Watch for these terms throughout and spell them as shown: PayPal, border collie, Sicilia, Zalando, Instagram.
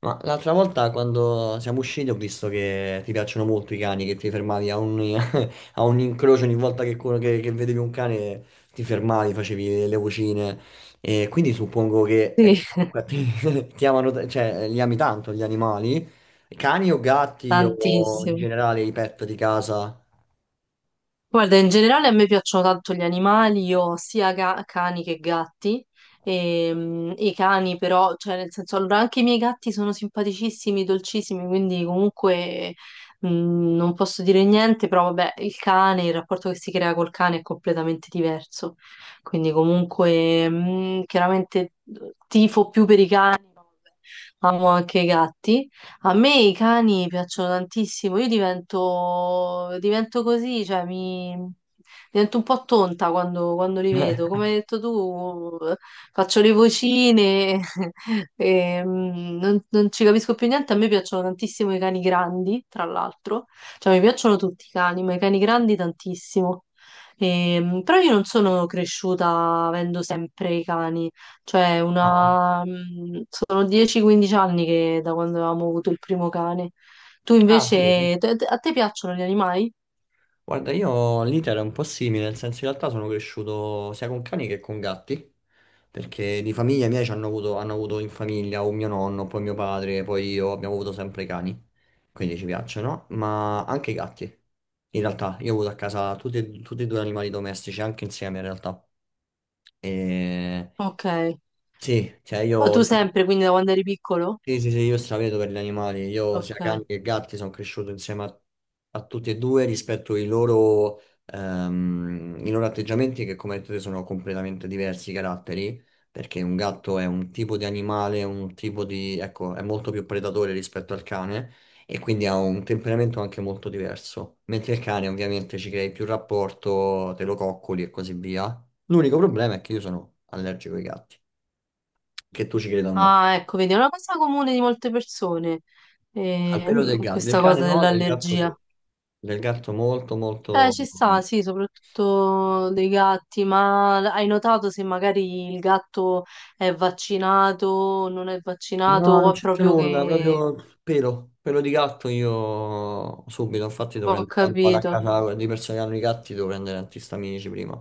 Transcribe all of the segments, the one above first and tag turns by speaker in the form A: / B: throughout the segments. A: Ma l'altra volta quando siamo usciti ho visto che ti piacciono molto i cani, che ti fermavi a un, a un incrocio ogni volta che, che vedevi un cane, ti fermavi, facevi le vocine, e quindi suppongo
B: Sì,
A: che comunque a te ti amano, cioè li ami tanto gli animali, cani o gatti o in
B: tantissimo.
A: generale i pet di casa?
B: Guarda, in generale a me piacciono tanto gli animali, io ho sia cani che gatti. E, i cani però, cioè nel senso, allora anche i miei gatti sono simpaticissimi, dolcissimi, quindi comunque non posso dire niente, però vabbè, il cane, il rapporto che si crea col cane è completamente diverso. Quindi comunque chiaramente tifo più per i cani, ma vabbè, amo anche i gatti. A me i cani piacciono tantissimo, io divento così, cioè mi divento un po' tonta quando li vedo. Come hai detto tu, faccio le vocine e non ci capisco più niente. A me piacciono tantissimo i cani grandi, tra l'altro. Cioè, mi piacciono tutti i cani, ma i cani grandi tantissimo. E, però io non sono cresciuta avendo sempre i cani. Cioè,
A: No?
B: una... sono 10-15 anni che da quando avevamo avuto il primo cane. Tu
A: Ah, sì?
B: invece, a te piacciono gli animali?
A: Guarda, io l'iter è un po' simile, nel senso in realtà sono cresciuto sia con cani che con gatti, perché di famiglia mia ci hanno avuto in famiglia un mio nonno, poi mio padre, poi io, abbiamo avuto sempre cani, quindi ci piacciono, ma anche i gatti. In realtà io ho avuto a casa tutti, tutti e due animali domestici, anche insieme in realtà. E...
B: Ok.
A: Sì, cioè
B: Ma
A: io,
B: tu
A: io
B: sempre, quindi da quando eri piccolo?
A: sì, sì, sì, io stravedo per gli animali. Io
B: Ok.
A: sia cani che gatti sono cresciuto insieme a, a tutti e due rispetto ai loro, i loro atteggiamenti che come hai detto te sono completamente diversi i caratteri, perché un gatto è un tipo di animale, un tipo di, ecco, è molto più predatore rispetto al cane e quindi ha un temperamento anche molto diverso. Mentre il cane ovviamente ci crei più rapporto, te lo coccoli e così via. L'unico problema è che io sono allergico ai gatti, che tu ci creda o no.
B: Ah, ecco, vedi, è una cosa comune di molte persone,
A: Al pelo del gatto, del
B: questa
A: cane
B: cosa
A: no, del gatto
B: dell'allergia.
A: sì. Del gatto molto molto...
B: Ci sta, sì, soprattutto dei gatti, ma hai notato se magari il gatto è vaccinato, non è vaccinato,
A: No, non
B: o è
A: c'entra
B: proprio
A: nulla,
B: che...
A: proprio pelo, pelo di gatto io subito, infatti devo
B: Ho
A: prendere, quando vado a
B: capito.
A: casa di persone che hanno i gatti devo prendere antistaminici prima,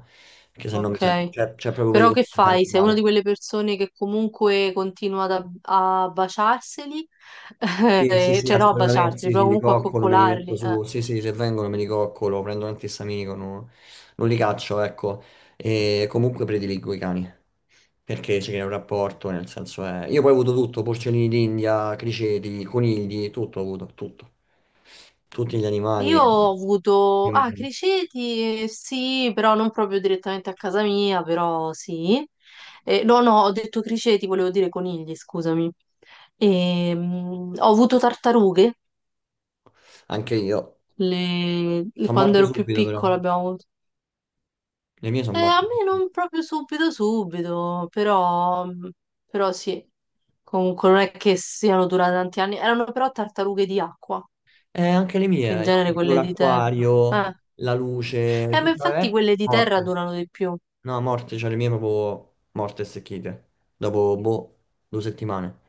A: perché se no mi sento,
B: Ok.
A: cioè, c'è proprio
B: Però
A: pericolo
B: che
A: che mi
B: fai?
A: sento
B: Sei una di
A: male.
B: quelle persone che comunque continua ad a baciarseli,
A: Sì, sì, sì,
B: Cioè no a
A: assolutamente,
B: baciarseli,
A: sì,
B: però
A: sì, li
B: comunque a
A: coccolo, me li metto
B: coccolarli.
A: su, sì, sì, se vengono me li coccolo, prendo un antistaminico, non, non li caccio, ecco, e comunque prediligo i cani, perché c'è un rapporto, nel senso è... Io poi ho avuto tutto, porcellini d'India, criceti, conigli, tutto ho avuto, tutto, tutti gli animali.
B: Io ho avuto, ah,
A: Dimmi.
B: criceti, sì, però non proprio direttamente a casa mia, però sì. No, no, ho detto criceti, volevo dire conigli, scusami. Ho avuto tartarughe,
A: Anche io, sono
B: quando
A: morte
B: ero più
A: subito però,
B: piccola abbiamo.
A: le mie sono
B: A
A: morte.
B: me non proprio subito subito, però, però sì, comunque non è che siano durate tanti anni, erano però tartarughe di acqua,
A: Anche le
B: che in
A: mie, ho
B: genere
A: comprato
B: quelle di terra.
A: l'acquario, la luce,
B: Eh, ma
A: tutta,
B: infatti quelle di terra
A: morte.
B: durano di più.
A: No, a morte, cioè le mie proprio morte e secchite. Dopo, boh, due settimane.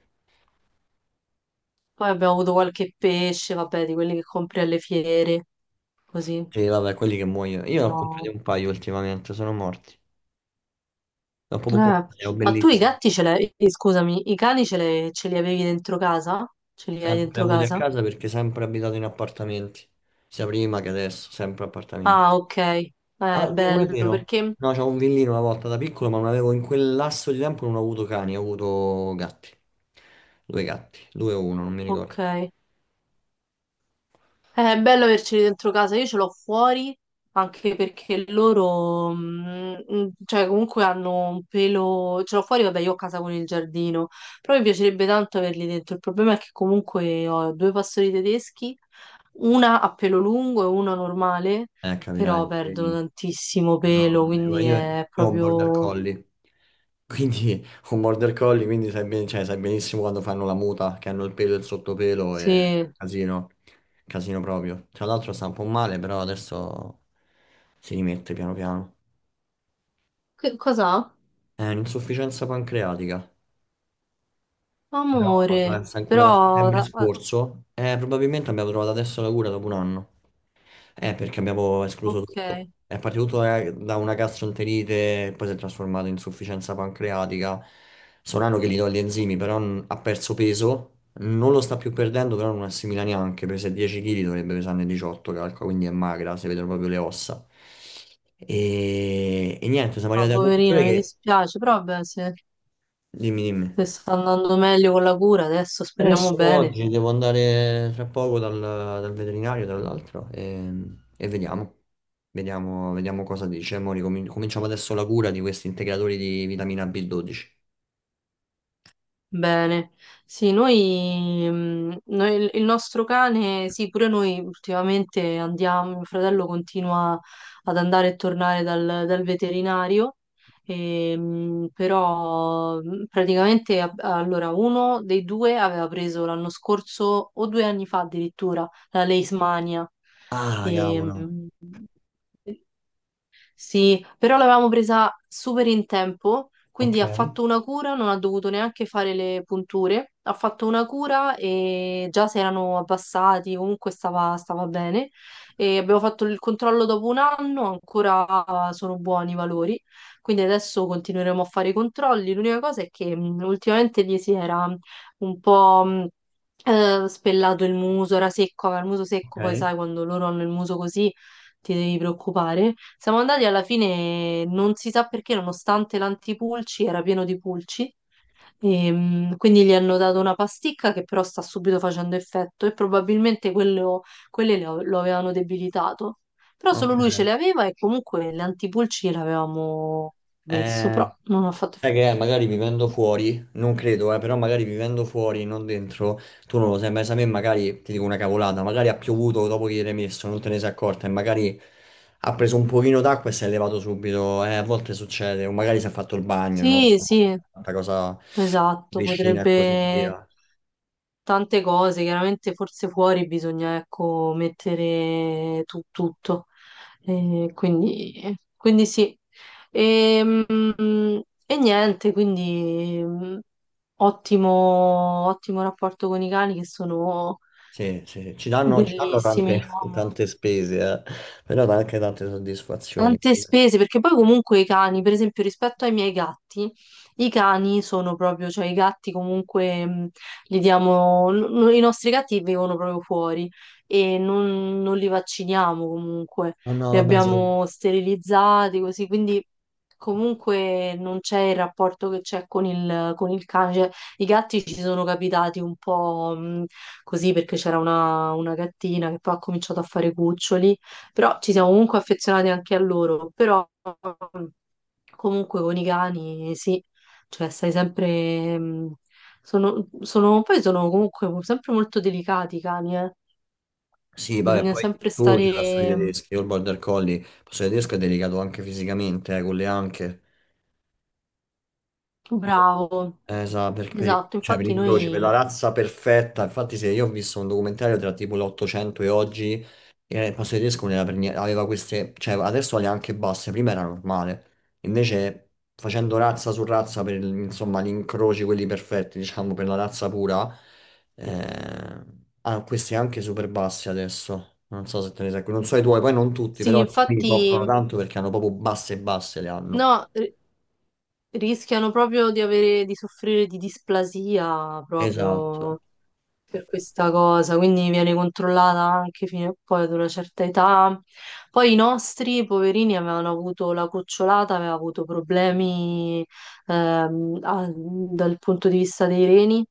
B: Poi abbiamo avuto qualche pesce, vabbè, di quelli che compri alle fiere, così.
A: Sì, vabbè, quelli che muoiono. Io ne ho
B: Però...
A: comprati un paio ultimamente, sono morti. Ne ho proprio
B: eh,
A: comprati, erano
B: ma tu i
A: bellissimi.
B: gatti ce l'hai, scusami, i cani ce li avevi dentro casa? Ce li hai
A: Sempre
B: dentro
A: avuti a
B: casa?
A: casa perché sempre abitato in appartamenti. Sia prima che adesso, sempre appartamenti.
B: Ah, ok, è
A: Ah, Dio, non è
B: bello
A: vero.
B: perché...
A: No, c'avevo un villino una volta da piccolo, ma non avevo in quel lasso di tempo non ho avuto cani, ho avuto gatti. Due gatti, due o uno, non mi
B: Ok.
A: ricordo.
B: È bello averceli dentro casa, io ce l'ho fuori anche perché loro, cioè comunque hanno un pelo, ce l'ho fuori, vabbè io ho casa con il giardino, però mi piacerebbe tanto averli dentro, il problema è che comunque ho due pastori tedeschi, una a pelo lungo e una normale, però
A: Capirai,
B: perdono
A: vedi.
B: tantissimo
A: No,
B: pelo, quindi
A: io,
B: è
A: io ho un border
B: proprio...
A: collie. Quindi un border collie, quindi sai, cioè, sai benissimo quando fanno la muta, che hanno il pelo e il sottopelo e
B: Sì.
A: casino, casino proprio. Tra l'altro sta un po' male, però adesso si rimette piano piano.
B: Che cosa?
A: È un'insufficienza pancreatica. Però
B: Amore,
A: pensa, ancora da
B: però...
A: settembre
B: ah, ah,
A: scorso, probabilmente abbiamo trovato adesso la cura dopo un anno. Perché abbiamo escluso
B: ok,
A: tutto. È partito tutto da una gastroenterite, poi si è trasformato in insufficienza pancreatica. Sono un anno che gli do gli enzimi, però ha perso peso. Non lo sta più perdendo, però non assimila neanche. Pesa 10 kg, dovrebbe pesarne 18, calcola, quindi è magra, si vedono proprio le ossa. E niente, siamo
B: ah,
A: arrivati alla
B: poverina,
A: conclusione
B: mi
A: che...
B: dispiace, però vabbè, sì,
A: Dimmi, dimmi.
B: che sta andando meglio con la cura adesso, speriamo
A: Adesso no,
B: bene.
A: oggi devo andare tra poco dal veterinario, tra l'altro, e vediamo. Vediamo, vediamo cosa dice. Mo cominciamo adesso la cura di questi integratori di vitamina B12.
B: Bene. Sì, noi, il nostro cane, sì, pure noi ultimamente andiamo, mio fratello continua ad andare e tornare dal veterinario, e, però praticamente allora uno dei due aveva preso l'anno scorso o due anni fa addirittura la Leishmania.
A: Ah,
B: E,
A: cavolo.
B: sì, però l'avevamo presa super in tempo,
A: Ok,
B: quindi ha fatto una cura, non ha dovuto neanche fare le punture, ha fatto una cura e già si erano abbassati, comunque stava bene. E abbiamo fatto il controllo dopo un anno, ancora sono buoni i valori, quindi adesso continueremo a fare i controlli. L'unica cosa è che ultimamente gli si era un po'... spellato il muso, era secco, aveva il muso secco, poi
A: ok,
B: sai quando loro hanno il muso così ti devi preoccupare. Siamo andati alla fine, non si sa perché, nonostante l'antipulci era pieno di pulci. E, quindi gli hanno dato una pasticca che però sta subito facendo effetto e probabilmente lo avevano debilitato. Però
A: ok.
B: solo lui ce le aveva e comunque le antipulci l'avevamo messo, però
A: Eh,
B: non ha fatto
A: sai che è?
B: effetto.
A: Magari vivendo fuori, non credo, però magari vivendo fuori, non dentro, tu non lo sai, ma se a me magari, ti dico una cavolata, magari ha piovuto dopo che gli eri messo, non te ne sei accorta e magari ha preso un pochino d'acqua e si è levato subito, a volte succede, o magari si è fatto il bagno, non lo
B: Sì,
A: so,
B: sì,
A: tanta cosa
B: esatto,
A: vicina e così
B: potrebbe
A: via.
B: tante cose, chiaramente forse fuori bisogna, ecco, mettere tutto. Quindi sì. E, e niente, quindi ottimo rapporto con i cani che sono
A: Sì, sì, ci danno
B: bellissimi.
A: tante,
B: Io amo
A: tante spese, però dà anche tante soddisfazioni.
B: tante
A: Poi io...
B: spese, perché poi comunque i cani, per esempio, rispetto ai miei gatti, i cani sono proprio, cioè i gatti comunque li diamo, i nostri gatti vivono proprio fuori e non li vacciniamo comunque,
A: No, no,
B: li
A: vabbè, sì.
B: abbiamo sterilizzati così, quindi comunque non c'è il rapporto che c'è con con il cane, cioè i gatti ci sono capitati un po' così perché c'era una gattina che poi ha cominciato a fare cuccioli però ci siamo comunque affezionati anche a loro, però mm, comunque con i cani sì, cioè stai sempre... sono, poi sono comunque sempre molto delicati i cani, eh.
A: Sì, vabbè,
B: Bisogna
A: poi
B: sempre
A: tu ci la sui
B: stare
A: tedeschi, io il border collie, posso dire, il tedesco è delicato anche fisicamente, con le anche. No?
B: bravo.
A: Esatto, per,
B: Esatto,
A: cioè per
B: infatti
A: incroci, per la
B: noi...
A: razza perfetta. Infatti, se io ho visto un documentario tra tipo l'800 e oggi, e il pasto tedesco non era per niente, aveva queste, cioè adesso le ha anche basse, prima era normale. Invece, facendo razza su razza per insomma gli incroci, quelli perfetti, diciamo, per la razza pura, eh, hanno questi anche super bassi adesso. Non so se te ne sei, non so i tuoi, poi non tutti,
B: Sì,
A: però alcuni soffrono
B: infatti
A: tanto perché hanno proprio basse e basse le hanno.
B: no, rischiano proprio di avere, di soffrire di displasia
A: Esatto,
B: proprio per questa cosa, quindi viene controllata anche fino a poi ad una certa età. Poi i nostri poverini avevano avuto la cucciolata, aveva avuto problemi dal punto di vista dei reni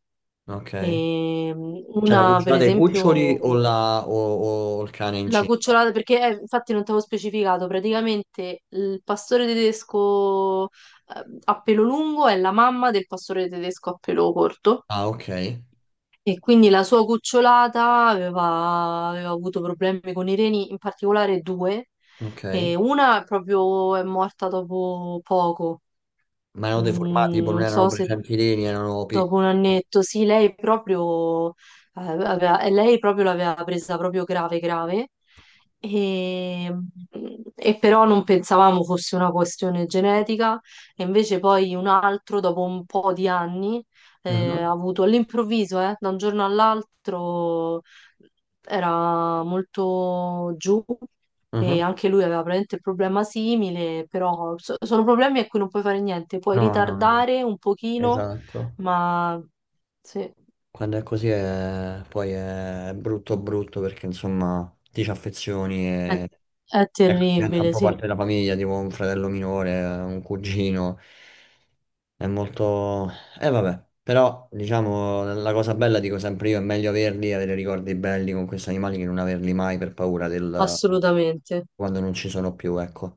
A: ok.
B: e
A: Cioè la
B: una per
A: cucina dei cuccioli o,
B: esempio
A: o il cane
B: la
A: incinta?
B: cucciolata perché infatti non ti avevo specificato, praticamente il pastore tedesco a pelo lungo è la mamma del pastore tedesco a pelo corto.
A: Ah, ok,
B: E quindi la sua cucciolata aveva, aveva avuto problemi con i reni, in particolare due, e
A: ok.
B: una proprio è morta dopo poco.
A: Ma erano deformati,
B: Mm,
A: tipo non
B: non
A: erano
B: so se.
A: presenti i reni, erano piccoli.
B: Dopo un annetto, sì, lei proprio, e lei proprio l'aveva presa proprio grave, grave, e, e però non pensavamo fosse una questione genetica, e invece poi un altro, dopo un po' di anni,
A: Mhm,
B: ha avuto all'improvviso, da un giorno all'altro, era molto giù, e
A: mhm.
B: anche lui aveva praticamente il problema simile, però sono problemi a cui non puoi fare niente, puoi
A: No, no, no,
B: ritardare un pochino
A: esatto.
B: ma sì,
A: Quando è così è... poi è brutto brutto perché insomma ti ci affezioni
B: è,
A: e
B: è
A: ecco, diventa un
B: terribile,
A: po'
B: sì,
A: parte della famiglia, tipo un fratello minore, un cugino. È molto... E vabbè, però diciamo la cosa bella, dico sempre io, è meglio averli e avere ricordi belli con questi animali che non averli mai per paura del...
B: assolutamente.
A: quando non ci sono più, ecco.